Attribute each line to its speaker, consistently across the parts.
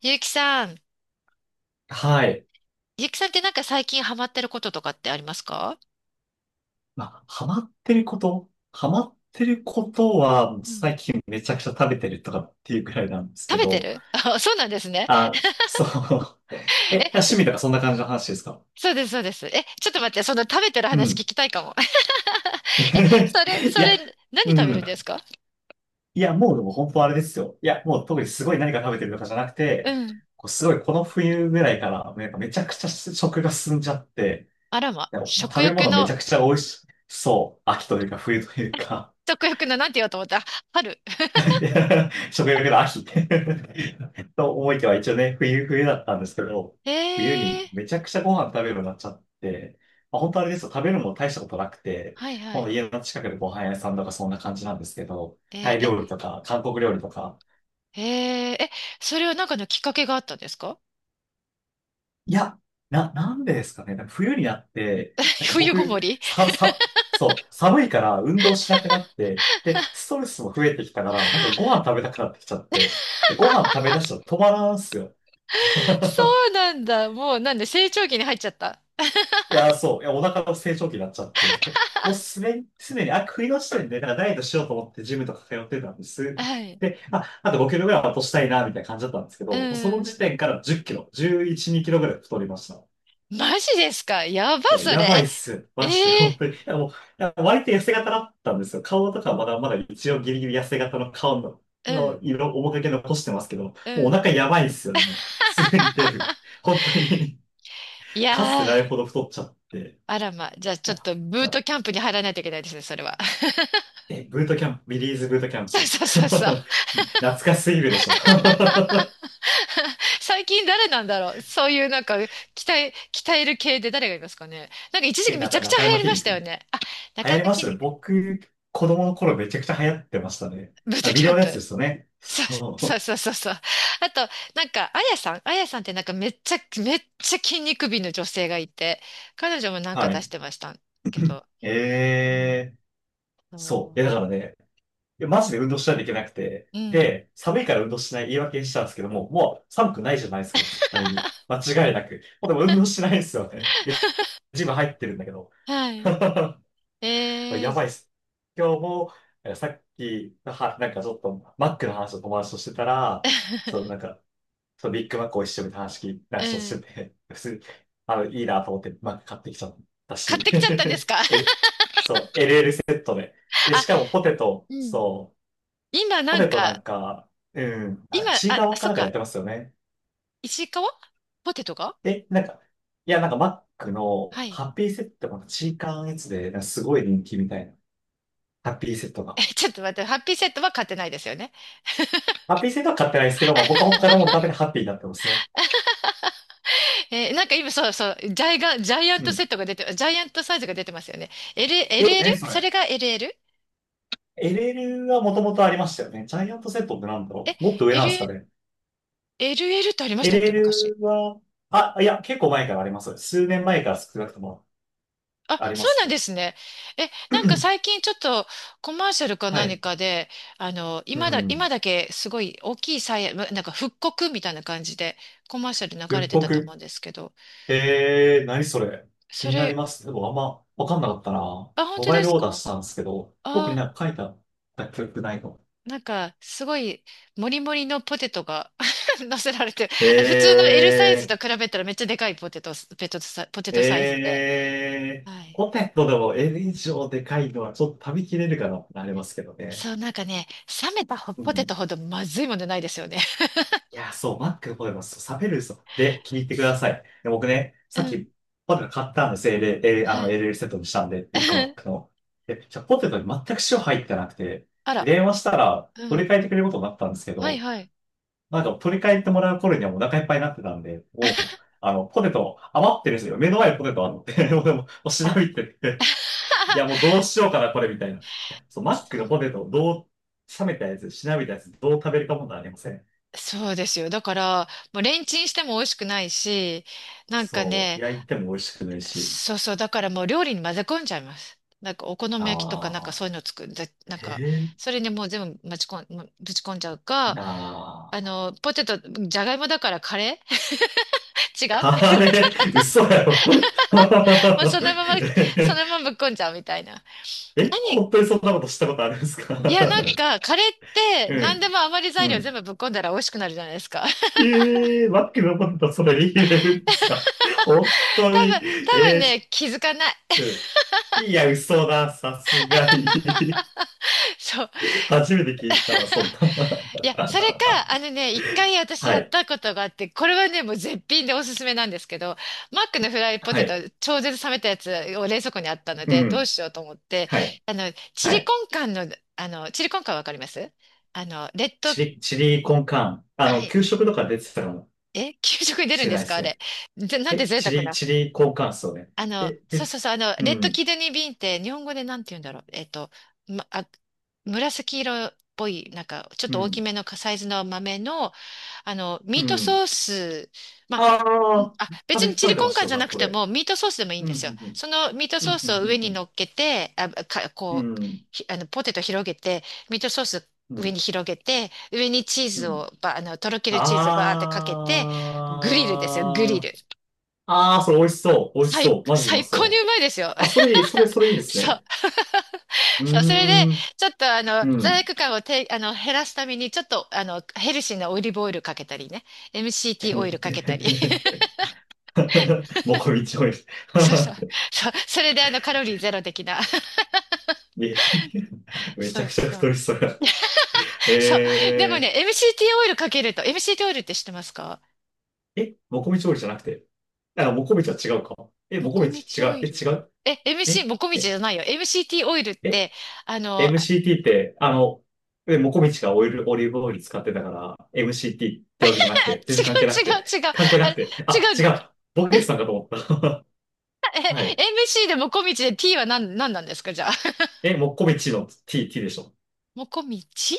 Speaker 1: ゆうきさん、
Speaker 2: はい。
Speaker 1: ゆうきさんってなんか最近ハマってることとかってありますか？
Speaker 2: まあ、ハマってることは、
Speaker 1: うん、
Speaker 2: 最近めちゃくちゃ食べてるとかっていうくらいなんですけ
Speaker 1: 食べて
Speaker 2: ど、
Speaker 1: る あ、そうなんですね。
Speaker 2: あ、そう。え、
Speaker 1: え、
Speaker 2: 趣味とかそんな感じの話ですか？
Speaker 1: そうです、そうです。え、ちょっと待って、その食べてる
Speaker 2: う
Speaker 1: 話聞
Speaker 2: ん。
Speaker 1: きたいかも。え、それ、
Speaker 2: い
Speaker 1: それ、
Speaker 2: や、
Speaker 1: 何
Speaker 2: う
Speaker 1: 食べるんです
Speaker 2: ん。
Speaker 1: か？
Speaker 2: もうでも本当あれですよ。いや、もう特にすごい何か食べてるとかじゃなく
Speaker 1: う
Speaker 2: て、
Speaker 1: ん。
Speaker 2: こうすごいこの冬ぐらいから、なんかめちゃくちゃ食が進んじゃって、
Speaker 1: あらま、
Speaker 2: なんかもう
Speaker 1: 食
Speaker 2: 食べ
Speaker 1: 欲
Speaker 2: 物めち
Speaker 1: の、
Speaker 2: ゃくちゃ美味しそう。秋というか冬というか。
Speaker 1: 食欲の、なんて言おうと思った。あ、春。
Speaker 2: 食欲の秋。 と思いきや、一応ね、冬だったんですけど、冬
Speaker 1: え
Speaker 2: に
Speaker 1: ー、
Speaker 2: めちゃくちゃご飯食べるようになっちゃって、まあ、本当あれですよ、食べるのも大したことなくて、
Speaker 1: はいは
Speaker 2: もう
Speaker 1: い。
Speaker 2: 家の近くでご飯屋さんとかそんな感じなんですけど、
Speaker 1: え
Speaker 2: タイ
Speaker 1: ー、
Speaker 2: 料理とか、韓国料理とか。
Speaker 1: え、えー、え、それはなんかのきっかけがあったんですか？
Speaker 2: いや、なんでですかね、なんか冬になって、なん か
Speaker 1: 冬ごも
Speaker 2: 僕、
Speaker 1: り？
Speaker 2: そう、寒いから運動しなくなって、で、ストレスも増えてきたから、なんかご飯食べたくなってきちゃって、で、ご飯食べ出したら止まらんすよ。
Speaker 1: そ うなんだ。もう、なんで、成長期に入っちゃった。
Speaker 2: いや、そう。いや、お腹の成長期になっちゃって。もうすでに、あ、食いの時点で、なんかダイエットしようと思ってジムとか通ってたんです。
Speaker 1: はい。
Speaker 2: で、あと5キロぐらいは落としたいな、みたいな感じだったんですけど、
Speaker 1: う
Speaker 2: もうその
Speaker 1: ん。
Speaker 2: 時点から10キロ、11、2キロぐらい太りました。
Speaker 1: マジですかやば、
Speaker 2: いや、
Speaker 1: それ。
Speaker 2: やば
Speaker 1: え、
Speaker 2: いっす。
Speaker 1: え
Speaker 2: マ
Speaker 1: ー、
Speaker 2: ジで、本当に。いや割と痩せ型だったんですよ。顔とかまだまだ一応ギリギリ痩せ型の顔の、の色、面影残してますけど、も
Speaker 1: うん、
Speaker 2: う
Speaker 1: う
Speaker 2: お
Speaker 1: ん。
Speaker 2: 腹やばいっすよね。もう、普通に出る。本当に、
Speaker 1: い
Speaker 2: かつて
Speaker 1: や
Speaker 2: ない
Speaker 1: ー、
Speaker 2: ほど太っちゃって。
Speaker 1: あらま。じゃあ、ちょ
Speaker 2: や
Speaker 1: っとブ
Speaker 2: い
Speaker 1: ー
Speaker 2: や
Speaker 1: トキャンプに入らないといけないですね、それは。
Speaker 2: え、ブートキャンプ、ビリーズブートキャン
Speaker 1: そう
Speaker 2: プ。
Speaker 1: そうそうそう。
Speaker 2: 懐かしすぎるでしょ。
Speaker 1: 最近誰なんだろうそういうなんか、鍛える系で誰がいますかね？なんか一 時
Speaker 2: え、
Speaker 1: 期めちゃくちゃ
Speaker 2: 中
Speaker 1: 流行
Speaker 2: 山
Speaker 1: り
Speaker 2: きん
Speaker 1: ま
Speaker 2: に
Speaker 1: した
Speaker 2: 君。
Speaker 1: よね。あ、
Speaker 2: 流
Speaker 1: 中
Speaker 2: 行り
Speaker 1: 山
Speaker 2: まし
Speaker 1: 筋
Speaker 2: たね。
Speaker 1: 肉。
Speaker 2: 僕、子供の頃めちゃくちゃ流行ってましたね。
Speaker 1: ブー
Speaker 2: あ、
Speaker 1: ト
Speaker 2: ビ
Speaker 1: キ
Speaker 2: デ
Speaker 1: ャ
Speaker 2: オ
Speaker 1: ン
Speaker 2: のやつ
Speaker 1: プ。
Speaker 2: ですよね。
Speaker 1: そう
Speaker 2: そう。
Speaker 1: そうそうそうそう。あと、なんか、あやさんってなんかめっちゃ筋肉美の女性がいて、彼女もなんか
Speaker 2: は
Speaker 1: 出し
Speaker 2: い。
Speaker 1: てましたけど。うん。
Speaker 2: えー、そう。
Speaker 1: そ
Speaker 2: いや、だからね、いやマジで運動しないといけなくて。
Speaker 1: う。うん。
Speaker 2: で、寒いから運動しない言い訳にしたんですけども、もう寒くないじゃないですか、絶対に。間違いなく。もうでも運動しないんですよね。ジム入ってるんだけど。
Speaker 1: は い。え
Speaker 2: や
Speaker 1: ー、
Speaker 2: ばいっす。今日も、さっき、なんかちょっと、マックの話を友達としてたら、そう、な んか、そう、ビッグマックを一緒に話聞いた
Speaker 1: う
Speaker 2: 人して
Speaker 1: ん。
Speaker 2: て、普通に、あの、いいなと思って、マック買ってきちゃった
Speaker 1: 買っ
Speaker 2: し。
Speaker 1: てきちゃったんですか？
Speaker 2: え、そう、え、ね。で、
Speaker 1: あ、
Speaker 2: しかもポテト、
Speaker 1: うん。
Speaker 2: そう、
Speaker 1: 今
Speaker 2: ポ
Speaker 1: なん
Speaker 2: テトな
Speaker 1: か、
Speaker 2: んか、うん、あ、
Speaker 1: 今、
Speaker 2: チー
Speaker 1: あ、
Speaker 2: カワか
Speaker 1: そっ
Speaker 2: なんかや
Speaker 1: か、
Speaker 2: ってますよね。
Speaker 1: 石川ポテトが。
Speaker 2: え、なんか、いや、なんかマック
Speaker 1: は
Speaker 2: の
Speaker 1: い。
Speaker 2: ハッピーセットのチーカーのやつで、なんかすごい人気みたいな、ハッピーセットが。
Speaker 1: ちょっと待って、ハッピーセットは買ってないですよね。
Speaker 2: ハッピーセットは買ってないですけど、まあ僕は他のもののためにハッピーになってますね。
Speaker 1: なんか今そうそう、ジャイアン
Speaker 2: う
Speaker 1: トセ
Speaker 2: ん。
Speaker 1: ットが出て、ジャイアントサイズが出てますよね。L、
Speaker 2: え、
Speaker 1: LL？
Speaker 2: え、そ
Speaker 1: そ
Speaker 2: れ。
Speaker 1: れが LL？
Speaker 2: LL はもともとありましたよね。ジャイアントセットってなんだ
Speaker 1: え、
Speaker 2: ろう、もっと上なんですか
Speaker 1: L、
Speaker 2: ね。
Speaker 1: LL ってありましたっけ昔？
Speaker 2: LL は、あ、いや、結構前からあります。数年前から少なくとも
Speaker 1: あ、
Speaker 2: ありま
Speaker 1: そうな
Speaker 2: す
Speaker 1: んで
Speaker 2: ね。
Speaker 1: すね。なんか最 近ちょっとコマーシャルか
Speaker 2: は
Speaker 1: 何
Speaker 2: い。
Speaker 1: かで、あの、
Speaker 2: う
Speaker 1: 今だ、
Speaker 2: ん。
Speaker 1: 今だけすごい大きいサイヤ、まなんか復刻みたいな感じでコマーシャル流れ
Speaker 2: 復
Speaker 1: てたと思
Speaker 2: 刻。
Speaker 1: うんですけど、
Speaker 2: えー、何それ。気
Speaker 1: そ
Speaker 2: になり
Speaker 1: れ、
Speaker 2: ますね。でもあんまわかんなかったな。
Speaker 1: あ、本
Speaker 2: モ
Speaker 1: 当
Speaker 2: バイ
Speaker 1: で
Speaker 2: ル
Speaker 1: す
Speaker 2: オーダー
Speaker 1: か？
Speaker 2: したんですけど、特に
Speaker 1: あ
Speaker 2: なんか書いてあった記憶ないの。
Speaker 1: なんか、すごい、もりもりのポテトが 乗せられて普通の L サイズ
Speaker 2: え
Speaker 1: と
Speaker 2: ー。
Speaker 1: 比べたらめっちゃでかいポテト、ペトサ、ポテトサイズで。
Speaker 2: えー、
Speaker 1: はい。
Speaker 2: ポテトでも L 以上でかいのはちょっと食べきれるかなってなりますけどね。
Speaker 1: そう、なんかね、冷めた
Speaker 2: う
Speaker 1: ポテ
Speaker 2: ん。
Speaker 1: トほどまずいものないですよね。
Speaker 2: いや、そう、マックのポテト、そう、冷めるんですよ。で、聞いてくださ い。で僕ね、
Speaker 1: う
Speaker 2: さっ
Speaker 1: ん。
Speaker 2: きポテト買ったんです。あ
Speaker 1: は
Speaker 2: の、
Speaker 1: い。
Speaker 2: l ルエルセットにしたんで、ビッグマッ クの。で、じゃあポテトに全く塩入ってなくて、
Speaker 1: あら。
Speaker 2: 電話したら
Speaker 1: うん。
Speaker 2: 取り替えてくれることになったんですけ
Speaker 1: はい
Speaker 2: ど、
Speaker 1: はい。
Speaker 2: なんか取り替えてもらう頃にはもうお腹いっぱいになってたんで、もう、あの、ポテト余ってるんですよ。目の前にポテトあって、でもう調
Speaker 1: あら、
Speaker 2: べてて、いや、もうどうしようかな、これみたいな。いや、そう、マックのポテトどう、冷めたやつ、しなびたやつ、どう食べるかもなりません。
Speaker 1: そうですよ。だから、もうレンチンしても美味しくないし、なんか
Speaker 2: そう、
Speaker 1: ね、
Speaker 2: 焼いても美味しくないし。
Speaker 1: そうそう、だからもう料理に混ぜ込んじゃいます。なんかお好み焼きとかなんか
Speaker 2: ああ、
Speaker 1: そういうの作る、なんか、
Speaker 2: ええ
Speaker 1: それにもう全部ぶち込んじゃう
Speaker 2: ー、
Speaker 1: か、
Speaker 2: な
Speaker 1: あ
Speaker 2: あ。
Speaker 1: の、ポテト、じゃがいもだからカレー 違う。
Speaker 2: カレー、嘘やろ。
Speaker 1: もうそのまま、ぶっこんじゃうみたいな。
Speaker 2: え、
Speaker 1: 何
Speaker 2: 本当にそんなことしたことあるんですか？
Speaker 1: いや、なん か、カレーって
Speaker 2: う
Speaker 1: 何で
Speaker 2: ん、
Speaker 1: も余り材
Speaker 2: う
Speaker 1: 料全
Speaker 2: ん。
Speaker 1: 部ぶっこんだら美味しくなるじゃないですか。
Speaker 2: ええー、マックのポテト、それ入れるんですか？本
Speaker 1: 多
Speaker 2: 当に、
Speaker 1: 分、多分
Speaker 2: ええ
Speaker 1: ね、気づかない。
Speaker 2: ー、うん、いや、嘘だ、さすがに。
Speaker 1: そう。
Speaker 2: 初めて 聞いたわ、そんな。
Speaker 1: いや、それか、あのね、一回私
Speaker 2: は
Speaker 1: やっ
Speaker 2: い。
Speaker 1: たことがあって、これはね、もう絶品でおすすめなんですけど、マックのフライポ
Speaker 2: は
Speaker 1: テト、
Speaker 2: い。
Speaker 1: 超絶冷めたやつを冷蔵庫にあったの
Speaker 2: う
Speaker 1: で、どう
Speaker 2: ん。
Speaker 1: しようと思って、
Speaker 2: はい。
Speaker 1: あの、チ
Speaker 2: は
Speaker 1: リコ
Speaker 2: い。
Speaker 1: ンカンの、あの、チリコンカンわかりますあの、レッド、
Speaker 2: チリコンカーン。あ
Speaker 1: は
Speaker 2: の、
Speaker 1: い、
Speaker 2: 給食とか出てたかも
Speaker 1: え、給食に出る
Speaker 2: し
Speaker 1: ん
Speaker 2: れ
Speaker 1: で
Speaker 2: な
Speaker 1: す
Speaker 2: いで
Speaker 1: か
Speaker 2: す
Speaker 1: あ
Speaker 2: ね。
Speaker 1: れ？なんて
Speaker 2: え、
Speaker 1: 贅沢な。
Speaker 2: チリコンカーンっすよね。
Speaker 1: あの、
Speaker 2: え、
Speaker 1: そう
Speaker 2: え、
Speaker 1: そうそう、あの、
Speaker 2: う
Speaker 1: レッド
Speaker 2: ん。
Speaker 1: キドニービーンって、日本語でなんて言うんだろう。ま、あ、紫色っぽい、なんか、ちょっ
Speaker 2: う
Speaker 1: と大き
Speaker 2: ん。
Speaker 1: めのサイズの豆の、あの、ミ
Speaker 2: う
Speaker 1: ート
Speaker 2: ん。
Speaker 1: ソース、まあ、
Speaker 2: ああ、
Speaker 1: 別にチ
Speaker 2: 食べ
Speaker 1: リ
Speaker 2: て
Speaker 1: コ
Speaker 2: ま
Speaker 1: ン
Speaker 2: し
Speaker 1: カ
Speaker 2: た
Speaker 1: ン
Speaker 2: よ、
Speaker 1: じゃな
Speaker 2: 学
Speaker 1: く
Speaker 2: 校
Speaker 1: て
Speaker 2: で。
Speaker 1: もミートソースでもいいん
Speaker 2: う
Speaker 1: ですよ。
Speaker 2: ん。
Speaker 1: そのミート
Speaker 2: う
Speaker 1: ソー
Speaker 2: ん。う
Speaker 1: スを上
Speaker 2: ん。う
Speaker 1: に
Speaker 2: ん。
Speaker 1: 乗っけて、あ、か、
Speaker 2: う
Speaker 1: こう、
Speaker 2: ん。
Speaker 1: ひあの、ポテト広げて、ミートソース
Speaker 2: う
Speaker 1: 上に
Speaker 2: ん。
Speaker 1: 広げて、上にチー
Speaker 2: う
Speaker 1: ズ
Speaker 2: ん。
Speaker 1: を、ば、あの、とろけるチーズをバーってかけて、グリルですよ、グリ
Speaker 2: ああ。
Speaker 1: ル。
Speaker 2: ああ、それ美味しそう。美味し
Speaker 1: 最、
Speaker 2: そう。マジうま
Speaker 1: 最高に
Speaker 2: そ
Speaker 1: う
Speaker 2: う。
Speaker 1: まいですよ。
Speaker 2: あ、それいいで す
Speaker 1: そう。
Speaker 2: ね。う ー
Speaker 1: そう、それで、
Speaker 2: ん。
Speaker 1: ちょっとあの、
Speaker 2: う
Speaker 1: 罪
Speaker 2: ん。
Speaker 1: 悪感をて、あの、減らすために、ちょっとあの、ヘルシーなオリーブオイルかけたりね、MCT オイルかけたり。
Speaker 2: もうこみちお。 い、
Speaker 1: そうそう。そう。それであのカロリーゼロ的な。
Speaker 2: いやめ
Speaker 1: そ
Speaker 2: ちゃ
Speaker 1: う
Speaker 2: くちゃ
Speaker 1: そ
Speaker 2: 太
Speaker 1: う。
Speaker 2: りそうや。
Speaker 1: そう。でも
Speaker 2: え
Speaker 1: ね、MCT オイルかけると、MCT オイルって知ってますか？
Speaker 2: ー、え、もこみちおりじゃなくて。あ、もこみちは違うか。え、
Speaker 1: も
Speaker 2: もこ
Speaker 1: こ
Speaker 2: み
Speaker 1: み
Speaker 2: ち
Speaker 1: ち
Speaker 2: 違
Speaker 1: オ
Speaker 2: う。
Speaker 1: イ
Speaker 2: え、
Speaker 1: ル。
Speaker 2: 違う。
Speaker 1: え、MC、
Speaker 2: え、
Speaker 1: もこみちじ
Speaker 2: え、
Speaker 1: ゃないよ。MCT オイルっ
Speaker 2: え、
Speaker 1: て、あの、
Speaker 2: MCT って、あの、え、もこみちがオイル、オリーブオイル使ってたから、MCT ってわけじ
Speaker 1: 違う
Speaker 2: ゃなくて、全然関係なくて、
Speaker 1: 違う違う。
Speaker 2: 関係な
Speaker 1: あれ、
Speaker 2: くて。あ、
Speaker 1: 違
Speaker 2: 違
Speaker 1: う。
Speaker 2: う。ボケさんかと思った。
Speaker 1: え、
Speaker 2: はい。
Speaker 1: MC でもこみちで T は何なんですかじゃあ？
Speaker 2: え、もこみちの T、T でしょ。
Speaker 1: もこみち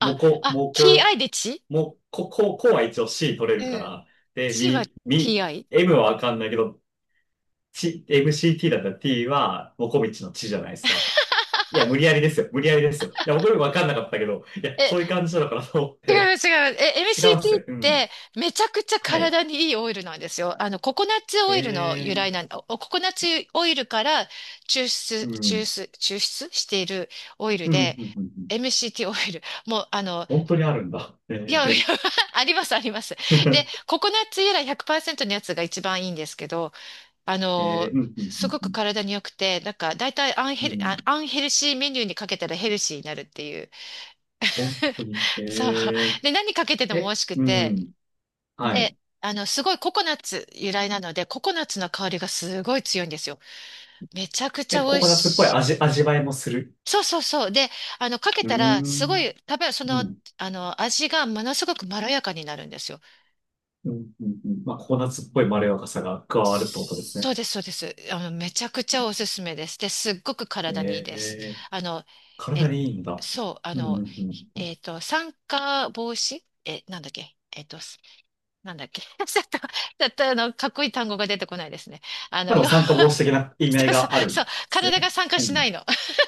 Speaker 2: もこ、もこ、
Speaker 1: TI でち
Speaker 2: もう、こ、こう、こうは一応 C 取れるか
Speaker 1: うん。
Speaker 2: ら。で、
Speaker 1: ちは TI。
Speaker 2: M はわかんないけど、ち、MCT だったら T は、モコミチの地じゃないですか。いや、無理やりですよ。無理やりですよ。いや、僕もわかんなかったけど、いや、
Speaker 1: え、
Speaker 2: そういう感じなのかなと思っ
Speaker 1: 違
Speaker 2: て。
Speaker 1: い ます、違います。
Speaker 2: 違うんす
Speaker 1: MCT っ
Speaker 2: ね。うん。
Speaker 1: てめちゃくちゃ
Speaker 2: はい。
Speaker 1: 体にいいオイルなんですよ。あの、ココナッツ
Speaker 2: え
Speaker 1: オイルの由来な
Speaker 2: ー、
Speaker 1: ん、おココナッツオイルから抽
Speaker 2: う
Speaker 1: 出、抽
Speaker 2: ん。
Speaker 1: 出、抽出しているオイル
Speaker 2: うん、う
Speaker 1: で、
Speaker 2: ん、うん、うん。
Speaker 1: MCT オイル。もう、あの、
Speaker 2: 本当にあるんだ。
Speaker 1: いや、いや、
Speaker 2: え
Speaker 1: あります、あります。で、
Speaker 2: ー。
Speaker 1: ココナッツ由来100%のやつが一番いいんですけど、あ
Speaker 2: え
Speaker 1: の、
Speaker 2: ー、うん、う
Speaker 1: すごく
Speaker 2: ん、
Speaker 1: 体に良くて、なんか、だいたい
Speaker 2: うん、うん。うん、
Speaker 1: アンヘルシーメニューにかけたらヘルシーになるっていう。
Speaker 2: 本当に。
Speaker 1: そう。
Speaker 2: え
Speaker 1: で、何かけてて
Speaker 2: ー、
Speaker 1: も美
Speaker 2: え、
Speaker 1: 味しく
Speaker 2: う
Speaker 1: て、
Speaker 2: ん。は
Speaker 1: で、
Speaker 2: い。
Speaker 1: あの、すごいココナッツ由来なので、ココナッツの香りがすごい強いんですよ。めちゃくち
Speaker 2: え、
Speaker 1: ゃ美
Speaker 2: コ
Speaker 1: 味
Speaker 2: コナッツっぽい
Speaker 1: しい。
Speaker 2: 味、味わいもする。
Speaker 1: そうそうそう。で、あの、かけ
Speaker 2: うー
Speaker 1: たら、すご
Speaker 2: ん。
Speaker 1: い、食べ、そ
Speaker 2: う
Speaker 1: の、
Speaker 2: ん。
Speaker 1: あの、味がものすごくまろやかになるんですよ。
Speaker 2: うん。うん。うん、まあ、ココナッツっぽいまろやかさが加わるってことですね。
Speaker 1: そうです、そうです。あの、めちゃくちゃおすすめです。で、すっごく
Speaker 2: え
Speaker 1: 体にいいです。
Speaker 2: え、
Speaker 1: あの、え、
Speaker 2: 体にいいんだ。
Speaker 1: そう、あ
Speaker 2: うん。う
Speaker 1: の、
Speaker 2: ん。うん、
Speaker 1: 酸化防止、なんだっけ、なんだっけ？ ちょっと、あの、かっこいい単語が出てこないですね。あ
Speaker 2: ま
Speaker 1: の、
Speaker 2: あの酸化防止的な意味合
Speaker 1: そ
Speaker 2: い
Speaker 1: うそう、
Speaker 2: がある
Speaker 1: そ
Speaker 2: ん
Speaker 1: う、
Speaker 2: です
Speaker 1: 体
Speaker 2: ね。
Speaker 1: が参加
Speaker 2: う
Speaker 1: しな
Speaker 2: ん。
Speaker 1: いの。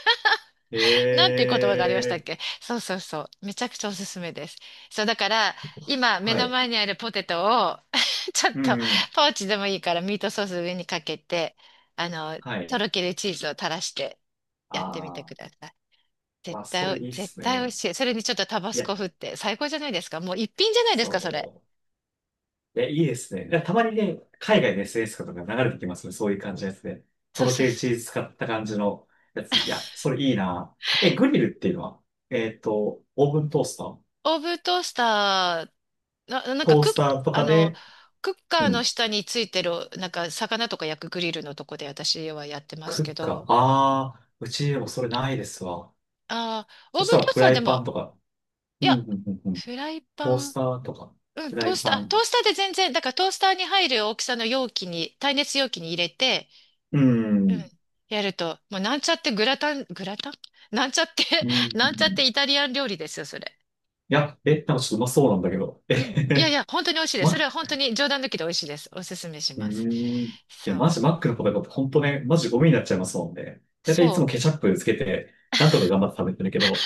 Speaker 1: なんていう
Speaker 2: え
Speaker 1: 言葉がありましたっ
Speaker 2: え、
Speaker 1: け？そうそうそう。めちゃくちゃおすすめです。そう、だから、今、目
Speaker 2: は
Speaker 1: の
Speaker 2: い。
Speaker 1: 前にあるポテトを ちょっ
Speaker 2: う
Speaker 1: と、
Speaker 2: ん。
Speaker 1: ポーチでもいいから、ミートソース上にかけて、あの、
Speaker 2: は
Speaker 1: と
Speaker 2: い。
Speaker 1: ろけるチーズを垂らして、やってみて
Speaker 2: あ
Speaker 1: く
Speaker 2: あ、
Speaker 1: ださい。
Speaker 2: ま
Speaker 1: 絶
Speaker 2: あ、そ
Speaker 1: 対お、
Speaker 2: れいいっ
Speaker 1: 絶
Speaker 2: す
Speaker 1: 対美味
Speaker 2: ね。
Speaker 1: しい。それにちょっとタバ
Speaker 2: い
Speaker 1: ス
Speaker 2: や、
Speaker 1: コ振って、最高じゃないですか。もう一品じゃないですか、それ。
Speaker 2: そう。え、いいですね。いやたまにね、海外の SNS とかが流れてきますね。そういう感じのやつで。と
Speaker 1: そう
Speaker 2: ろ
Speaker 1: そう
Speaker 2: ける
Speaker 1: そ
Speaker 2: チーズ使った感じのやつ。いや、それいいな。え、グリルっていうのは、えっと、オーブントースター、
Speaker 1: う。オーブントースター。なんか
Speaker 2: トースターと
Speaker 1: あ
Speaker 2: か
Speaker 1: の、
Speaker 2: で、
Speaker 1: クッカー
Speaker 2: う
Speaker 1: の
Speaker 2: ん、
Speaker 1: 下についてる、なんか魚とか焼くグリルのとこで私はやってます
Speaker 2: ク
Speaker 1: け
Speaker 2: ッカー。
Speaker 1: ど、
Speaker 2: ああ、うちでもそれないですわ。
Speaker 1: ああ、オ
Speaker 2: そ
Speaker 1: ー
Speaker 2: し
Speaker 1: ブン
Speaker 2: たら
Speaker 1: トース
Speaker 2: フ
Speaker 1: ター
Speaker 2: ラ
Speaker 1: で
Speaker 2: イパ
Speaker 1: も、
Speaker 2: ンとか、
Speaker 1: い
Speaker 2: う
Speaker 1: や、
Speaker 2: ん、うん、うん、うん、
Speaker 1: フライ
Speaker 2: ト
Speaker 1: パ
Speaker 2: ース
Speaker 1: ン、
Speaker 2: ターとか、
Speaker 1: うん、
Speaker 2: フラ
Speaker 1: トー
Speaker 2: イ
Speaker 1: スター、
Speaker 2: パ
Speaker 1: トー
Speaker 2: ン。
Speaker 1: スターで全然、だからトースターに入る大きさの容器に、耐熱容器に入れて、
Speaker 2: うん、う
Speaker 1: うん、
Speaker 2: ん、
Speaker 1: やると、もうなんちゃってグラタン、グラタン なんちゃって
Speaker 2: うん。う
Speaker 1: なんちゃっ
Speaker 2: ん、
Speaker 1: てイタリアン料理ですよ、それ。
Speaker 2: いや、え、なんかちょっとうまそうなんだけど。えへ
Speaker 1: うん。いやい
Speaker 2: へ。
Speaker 1: や、本当に美味しいです。それ
Speaker 2: 全
Speaker 1: は本当に冗談抜きで美味しいです。おすすめし
Speaker 2: う
Speaker 1: ます。
Speaker 2: ーん。いや、
Speaker 1: そ
Speaker 2: マ
Speaker 1: う。
Speaker 2: ジマックのポテトって本当ね、マジゴミになっちゃいますもんね。だいたいいつ
Speaker 1: そ
Speaker 2: もケチャップつけて、なんとか頑張って食べてるけど、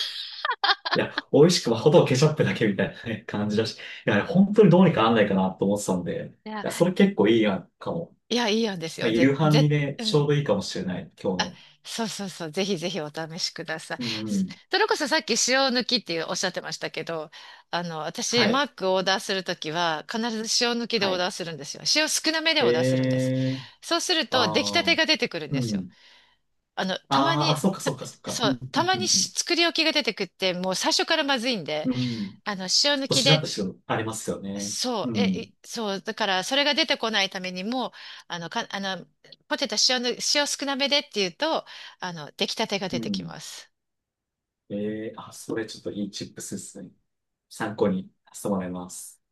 Speaker 2: いや、美味しくまほどケチャップだけみたいなね。感じだし、いや、本当にどうにかなんないかなと思ってたんで、い
Speaker 1: う。いや
Speaker 2: や、それ結構いいやんかも。
Speaker 1: いや、いいんです
Speaker 2: まあ、
Speaker 1: よ。
Speaker 2: 夕飯にね、
Speaker 1: う
Speaker 2: ちょう
Speaker 1: ん。
Speaker 2: どいいかもしれない、今日
Speaker 1: あ、
Speaker 2: の。
Speaker 1: そうそうそう。ぜひぜひお試しくださ
Speaker 2: うんう
Speaker 1: い。ず
Speaker 2: ん。
Speaker 1: それこそさっき塩抜きっていうおっしゃってましたけど、あの、私、
Speaker 2: は
Speaker 1: マ
Speaker 2: い、
Speaker 1: ックをオーダーするときは、必ず塩抜きで
Speaker 2: は
Speaker 1: オー
Speaker 2: い。
Speaker 1: ダーするんですよ。塩少なめでオーダーするんです。
Speaker 2: えー、
Speaker 1: そうすると、出来た
Speaker 2: あ
Speaker 1: て
Speaker 2: ー、
Speaker 1: が出てくるんで
Speaker 2: う
Speaker 1: すよ。
Speaker 2: ん。
Speaker 1: あの、たま
Speaker 2: あー、
Speaker 1: に、
Speaker 2: あ、そっか
Speaker 1: た
Speaker 2: そっかそっか。
Speaker 1: そ
Speaker 2: うん、
Speaker 1: う、
Speaker 2: う
Speaker 1: た
Speaker 2: ん、
Speaker 1: ま
Speaker 2: う
Speaker 1: に
Speaker 2: ん。
Speaker 1: 作り置きが出てくって、もう最初からまずいんで、
Speaker 2: うん。うん、
Speaker 1: あの、塩
Speaker 2: ちょっ
Speaker 1: 抜
Speaker 2: と
Speaker 1: き
Speaker 2: し
Speaker 1: で
Speaker 2: なってしろ、ありますよね。
Speaker 1: そう、
Speaker 2: うん、
Speaker 1: そう、だから、それが出てこないためにも、あの、ポテト塩の、塩少なめでっていうと、あの、出来たてが出
Speaker 2: う
Speaker 1: てき
Speaker 2: ん。
Speaker 1: ます。
Speaker 2: ええ、あ、それちょっといいチップスですね。参考にさせてもらいます。